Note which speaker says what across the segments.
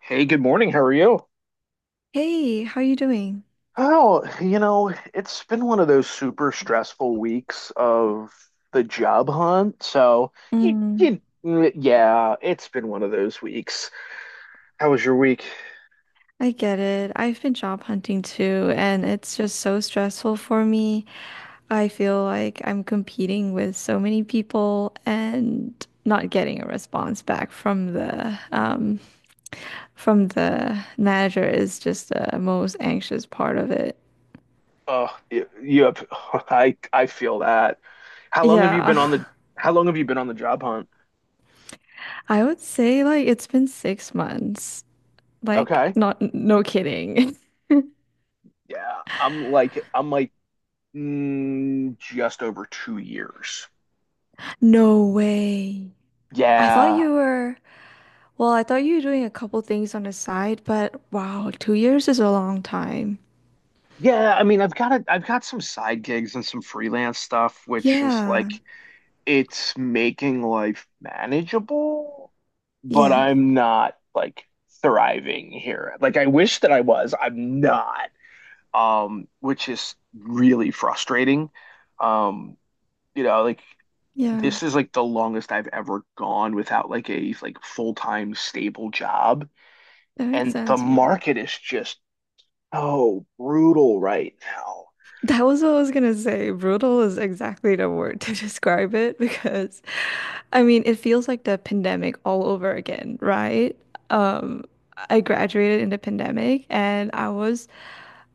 Speaker 1: Hey, good morning. How are you?
Speaker 2: Hey, how you doing?
Speaker 1: Oh, you know, it's been one of those super stressful weeks of the job hunt. So,
Speaker 2: Mm,
Speaker 1: yeah, it's been one of those weeks. How was your week?
Speaker 2: I get it. I've been job hunting too, and it's just so stressful for me. I feel like I'm competing with so many people and not getting a response back from the manager is just the most anxious part of it.
Speaker 1: Oh, yep. I feel that. How long have you
Speaker 2: Yeah.
Speaker 1: been on the how long have you been on the job hunt?
Speaker 2: I would say, like, it's been 6 months. Like,
Speaker 1: Okay.
Speaker 2: not no kidding.
Speaker 1: Yeah, I'm like I'm like just over 2 years.
Speaker 2: No way. I thought
Speaker 1: Yeah.
Speaker 2: you were Well, I thought you were doing a couple things on the side, but wow, 2 years is a long time.
Speaker 1: Yeah, I mean, I've got some side gigs and some freelance stuff, which is
Speaker 2: Yeah,
Speaker 1: like it's making life manageable, but
Speaker 2: yeah,
Speaker 1: I'm not like thriving here. Like I wish that I was. I'm not. Which is really frustrating. Um, you know, like
Speaker 2: yeah.
Speaker 1: this is like the longest I've ever gone without like a like full-time stable job,
Speaker 2: That makes
Speaker 1: and the
Speaker 2: sense. Yeah.
Speaker 1: market is just so brutal right now.
Speaker 2: That was what I was gonna say. Brutal is exactly the word to describe it because, I mean, it feels like the pandemic all over again, right? Um, I graduated in the pandemic, and I was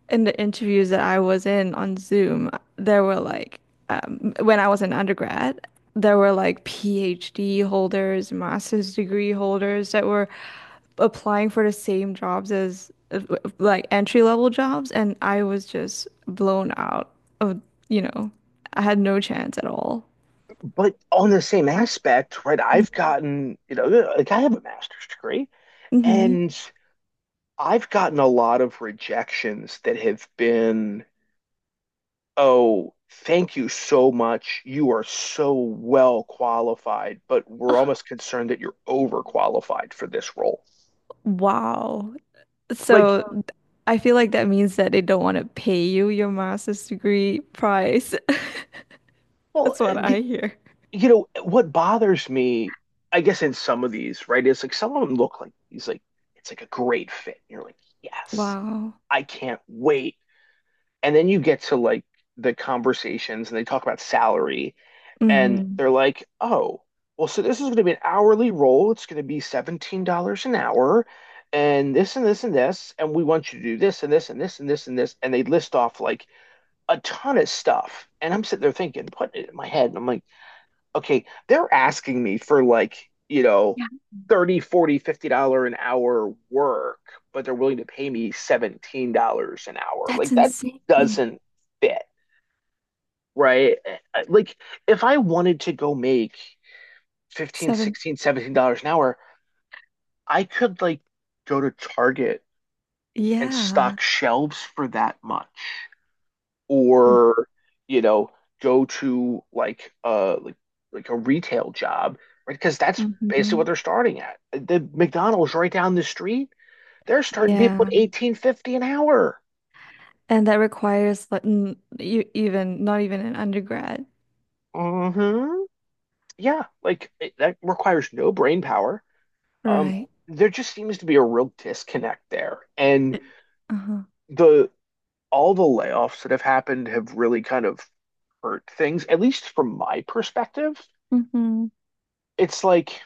Speaker 2: in the interviews that I was in on Zoom. There were like when I was an undergrad, there were like PhD holders, master's degree holders that were applying for the same jobs as like entry level jobs, and I was just blown out of, you know, I had no chance at all.
Speaker 1: But on the same aspect, right, I've gotten, you know, like I have a master's degree
Speaker 2: Mm-hmm.
Speaker 1: and I've gotten a lot of rejections that have been, oh, thank you so much. You are so well qualified, but we're almost concerned that you're overqualified for this role.
Speaker 2: Wow.
Speaker 1: Like,
Speaker 2: So
Speaker 1: so,
Speaker 2: I feel like that means that they don't want to pay you your master's degree price.
Speaker 1: well,
Speaker 2: That's what I hear.
Speaker 1: you know, what bothers me, I guess, in some of these, right, is like some of them look like he's like, it's like a great fit. And you're like, yes,
Speaker 2: Wow.
Speaker 1: I can't wait. And then you get to like the conversations and they talk about salary and
Speaker 2: Hmm.
Speaker 1: they're like, oh, well, so this is going to be an hourly role. It's going to be $17 an hour and this and this and this. And we want you to do this and this and this and this and this. And they list off like a ton of stuff. And I'm sitting there thinking, putting it in my head. And I'm like, okay, they're asking me for like, you know,
Speaker 2: Yeah,
Speaker 1: 30, 40, dollar an hour work, but they're willing to pay me $17 an hour.
Speaker 2: that's
Speaker 1: Like that
Speaker 2: insane.
Speaker 1: doesn't fit, right? Like if I wanted to go make 15,
Speaker 2: Seven.
Speaker 1: 16, $17 an hour, I could like go to Target and
Speaker 2: Yeah.
Speaker 1: stock shelves for that much, or you know, go to like a retail job, right? Because that's basically
Speaker 2: Mm-hmm.
Speaker 1: what they're starting at the McDonald's right down the street. They're starting people
Speaker 2: Yeah.
Speaker 1: at 18.50 an hour.
Speaker 2: And that requires, like, n you even not even an undergrad.
Speaker 1: Hmm yeah, that requires no brain power. um
Speaker 2: Right.
Speaker 1: there just seems to be a real disconnect there, and
Speaker 2: It- Uh-huh.
Speaker 1: the all the layoffs that have happened have really kind of hurt things, at least from my perspective.
Speaker 2: Mm-hmm.
Speaker 1: It's like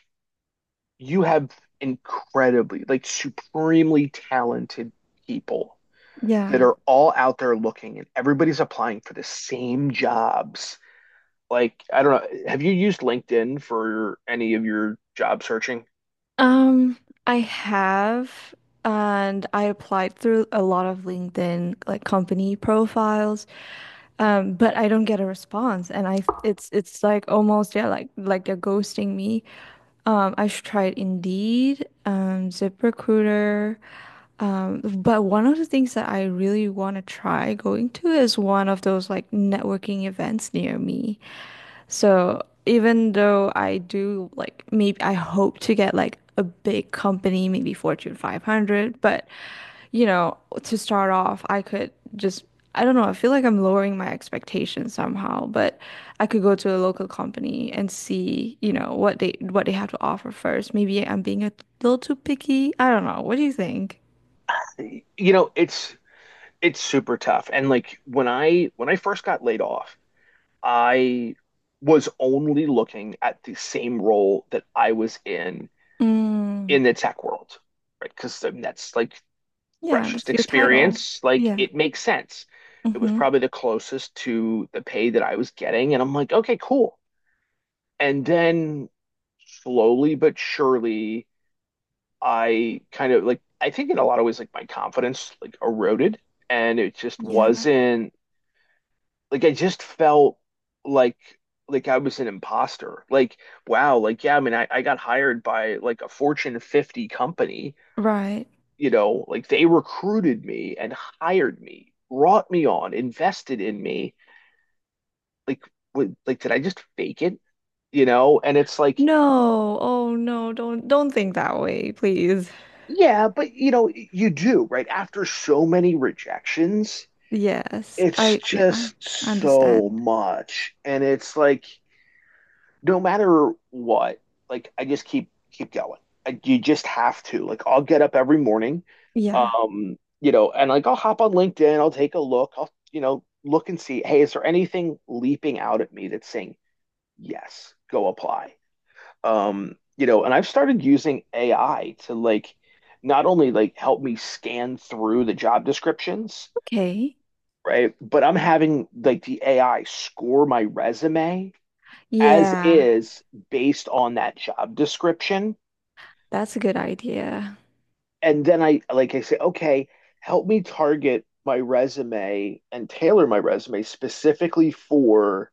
Speaker 1: you have incredibly, like supremely talented people that
Speaker 2: Yeah.
Speaker 1: are all out there looking and everybody's applying for the same jobs. Like, I don't know, have you used LinkedIn for any of your job searching?
Speaker 2: Um, I have, and I applied through a lot of LinkedIn like company profiles, but I don't get a response, and I it's like almost, yeah, like they're ghosting me. I should try Indeed, ZipRecruiter. But one of the things that I really want to try going to is one of those like networking events near me. So even though I do, like, maybe I hope to get like a big company, maybe Fortune 500, but you know, to start off, I could just I don't know, I feel like I'm lowering my expectations somehow, but I could go to a local company and see, what they have to offer first. Maybe I'm being a little too picky. I don't know. What do you think?
Speaker 1: You know, it's super tough. And like when I first got laid off, I was only looking at the same role that I was
Speaker 2: Mm,
Speaker 1: in the tech world, right? Because that's like
Speaker 2: yeah,
Speaker 1: freshest
Speaker 2: that's your title.
Speaker 1: experience. Like
Speaker 2: Yeah.
Speaker 1: it makes sense. It was
Speaker 2: Mm-hmm.
Speaker 1: probably the closest to the pay that I was getting. And I'm like, okay, cool. And then slowly but surely, I think in a lot of ways, like my confidence like eroded and it just
Speaker 2: Yeah.
Speaker 1: wasn't like, I just felt like, like I was an imposter. Like, wow, like, yeah, I mean, I got hired by like a Fortune 50 company.
Speaker 2: Right.
Speaker 1: You know, like they recruited me and hired me, brought me on, invested in me. Like, what, like did I just fake it? You know, and it's like,
Speaker 2: No. Oh, no, don't think that way, please.
Speaker 1: yeah, but you know, you do, right? After so many rejections,
Speaker 2: Yes.
Speaker 1: it's
Speaker 2: I yeah, I
Speaker 1: just so
Speaker 2: understand.
Speaker 1: much. And it's like, no matter what, like I just keep going. Like you just have to. Like I'll get up every morning,
Speaker 2: Yeah.
Speaker 1: you know, and like I'll hop on LinkedIn, I'll take a look, I'll you know look and see, hey, is there anything leaping out at me that's saying yes, go apply? You know, and I've started using AI to like not only like help me scan through the job descriptions,
Speaker 2: Okay.
Speaker 1: right? But I'm having like the AI score my resume as
Speaker 2: Yeah,
Speaker 1: is based on that job description.
Speaker 2: that's a good idea.
Speaker 1: And then I say, okay, help me target my resume and tailor my resume specifically for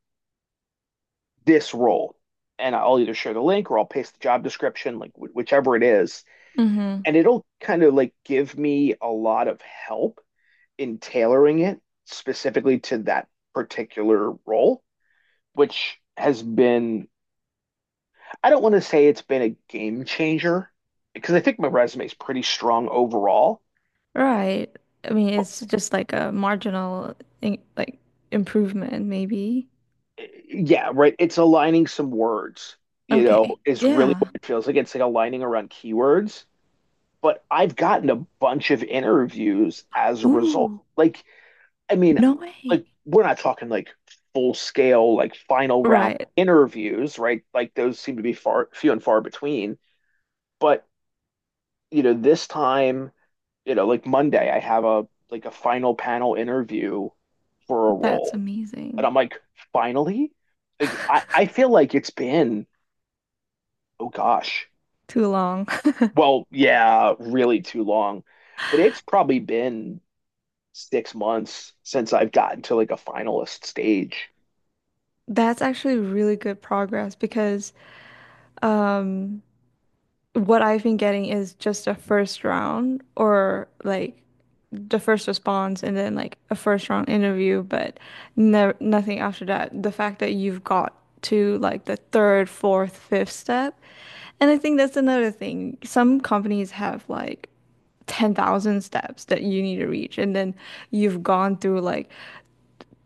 Speaker 1: this role. And I'll either share the link or I'll paste the job description, like whichever it is.
Speaker 2: Mm-hmm.
Speaker 1: And it'll kind of like give me a lot of help in tailoring it specifically to that particular role, which has been, I don't want to say it's been a game changer because I think my resume is pretty strong overall.
Speaker 2: Right. I mean,
Speaker 1: But
Speaker 2: it's just like a marginal — in like improvement, maybe.
Speaker 1: yeah, right. It's aligning some words, you know,
Speaker 2: Okay.
Speaker 1: is really what
Speaker 2: Yeah.
Speaker 1: it feels like. It's like aligning around keywords. But I've gotten a bunch of interviews as a result.
Speaker 2: Ooh,
Speaker 1: Like, I mean,
Speaker 2: no way.
Speaker 1: like we're not talking like full scale, like final round
Speaker 2: Right.
Speaker 1: interviews, right? Like those seem to be far few and far between. But, you know, this time you know, like Monday, I have a like a final panel interview for a
Speaker 2: That's
Speaker 1: role. And
Speaker 2: amazing.
Speaker 1: I'm like, finally? Like I feel like it's been, oh gosh.
Speaker 2: Too long.
Speaker 1: Well, yeah, really too long. But it's probably been 6 months since I've gotten to like a finalist stage.
Speaker 2: That's actually really good progress because, um, what I've been getting is just a first round or like the first response and then like a first round interview, but no, nothing after that. The fact that you've got to like the third, fourth, fifth step. And I think that's another thing. Some companies have like 10,000 steps that you need to reach, and then you've gone through like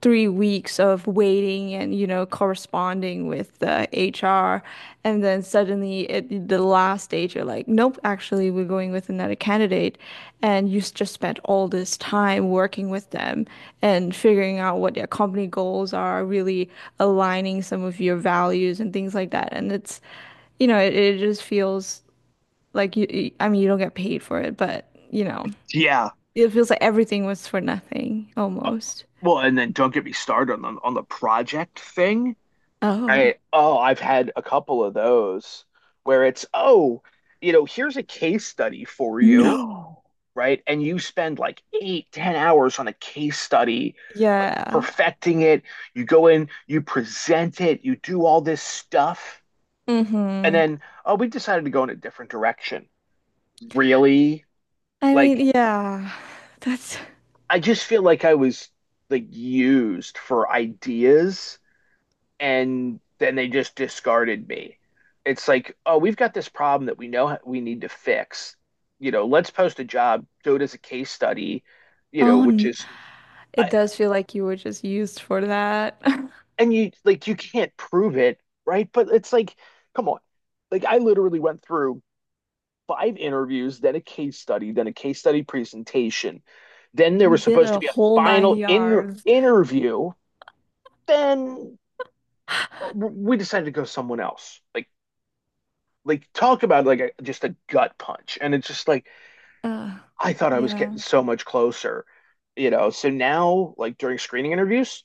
Speaker 2: 3 weeks of waiting and, corresponding with the HR, and then suddenly at the last stage you're like, nope, actually we're going with another candidate, and you just spent all this time working with them and figuring out what their company goals are, really aligning some of your values and things like that, and it's, it just feels like I mean, you don't get paid for it, but
Speaker 1: Yeah.
Speaker 2: it feels like everything was for nothing
Speaker 1: Uh,
Speaker 2: almost.
Speaker 1: Well, and then don't get me started on the project thing.
Speaker 2: Oh,
Speaker 1: I've had a couple of those where it's, oh, you know, here's a case study for you,
Speaker 2: no.
Speaker 1: right? And you spend like eight, 10 hours on a case study, like
Speaker 2: Yeah.
Speaker 1: perfecting it. You go in, you present it, you do all this stuff. And
Speaker 2: Mm-hmm.
Speaker 1: then, oh, we decided to go in a different direction. Really?
Speaker 2: I mean,
Speaker 1: Like,
Speaker 2: yeah. That's
Speaker 1: I just feel like I was like used for ideas and then they just discarded me. It's like, oh, we've got this problem that we know we need to fix. You know, let's post a job, do it as a case study, you know,
Speaker 2: oh,
Speaker 1: which
Speaker 2: n-
Speaker 1: is,
Speaker 2: it does feel like you were just used for that.
Speaker 1: and you like you can't prove it, right? But it's like, come on. Like I literally went through five interviews, then a case study, then a case study presentation. Then there
Speaker 2: You
Speaker 1: was
Speaker 2: did
Speaker 1: supposed to
Speaker 2: a
Speaker 1: be a
Speaker 2: whole nine
Speaker 1: final in
Speaker 2: yards.
Speaker 1: interview. Then we decided to go someone else. Like talk about like a, just a gut punch. And it's just like
Speaker 2: Uh,
Speaker 1: I thought I was
Speaker 2: yeah.
Speaker 1: getting so much closer, you know. So now like during screening interviews,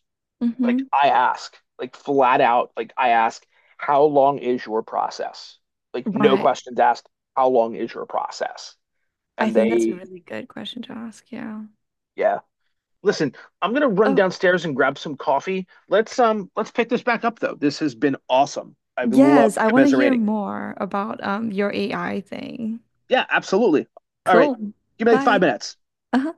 Speaker 2: Mm-hmm.
Speaker 1: Like flat out, like I ask, how long is your process? Like no
Speaker 2: Right.
Speaker 1: questions asked, how long is your process?
Speaker 2: I
Speaker 1: And
Speaker 2: think that's a
Speaker 1: they,
Speaker 2: really good question to ask. Yeah.
Speaker 1: yeah. Listen, I'm gonna run
Speaker 2: Oh,
Speaker 1: downstairs and grab some coffee. Let's pick this back up though. This has been awesome. I've loved
Speaker 2: yes. I want to hear
Speaker 1: commiserating.
Speaker 2: more about your AI thing.
Speaker 1: Yeah, absolutely. All right.
Speaker 2: Cool.
Speaker 1: Give me like five
Speaker 2: Bye.
Speaker 1: minutes.
Speaker 2: Uh-huh.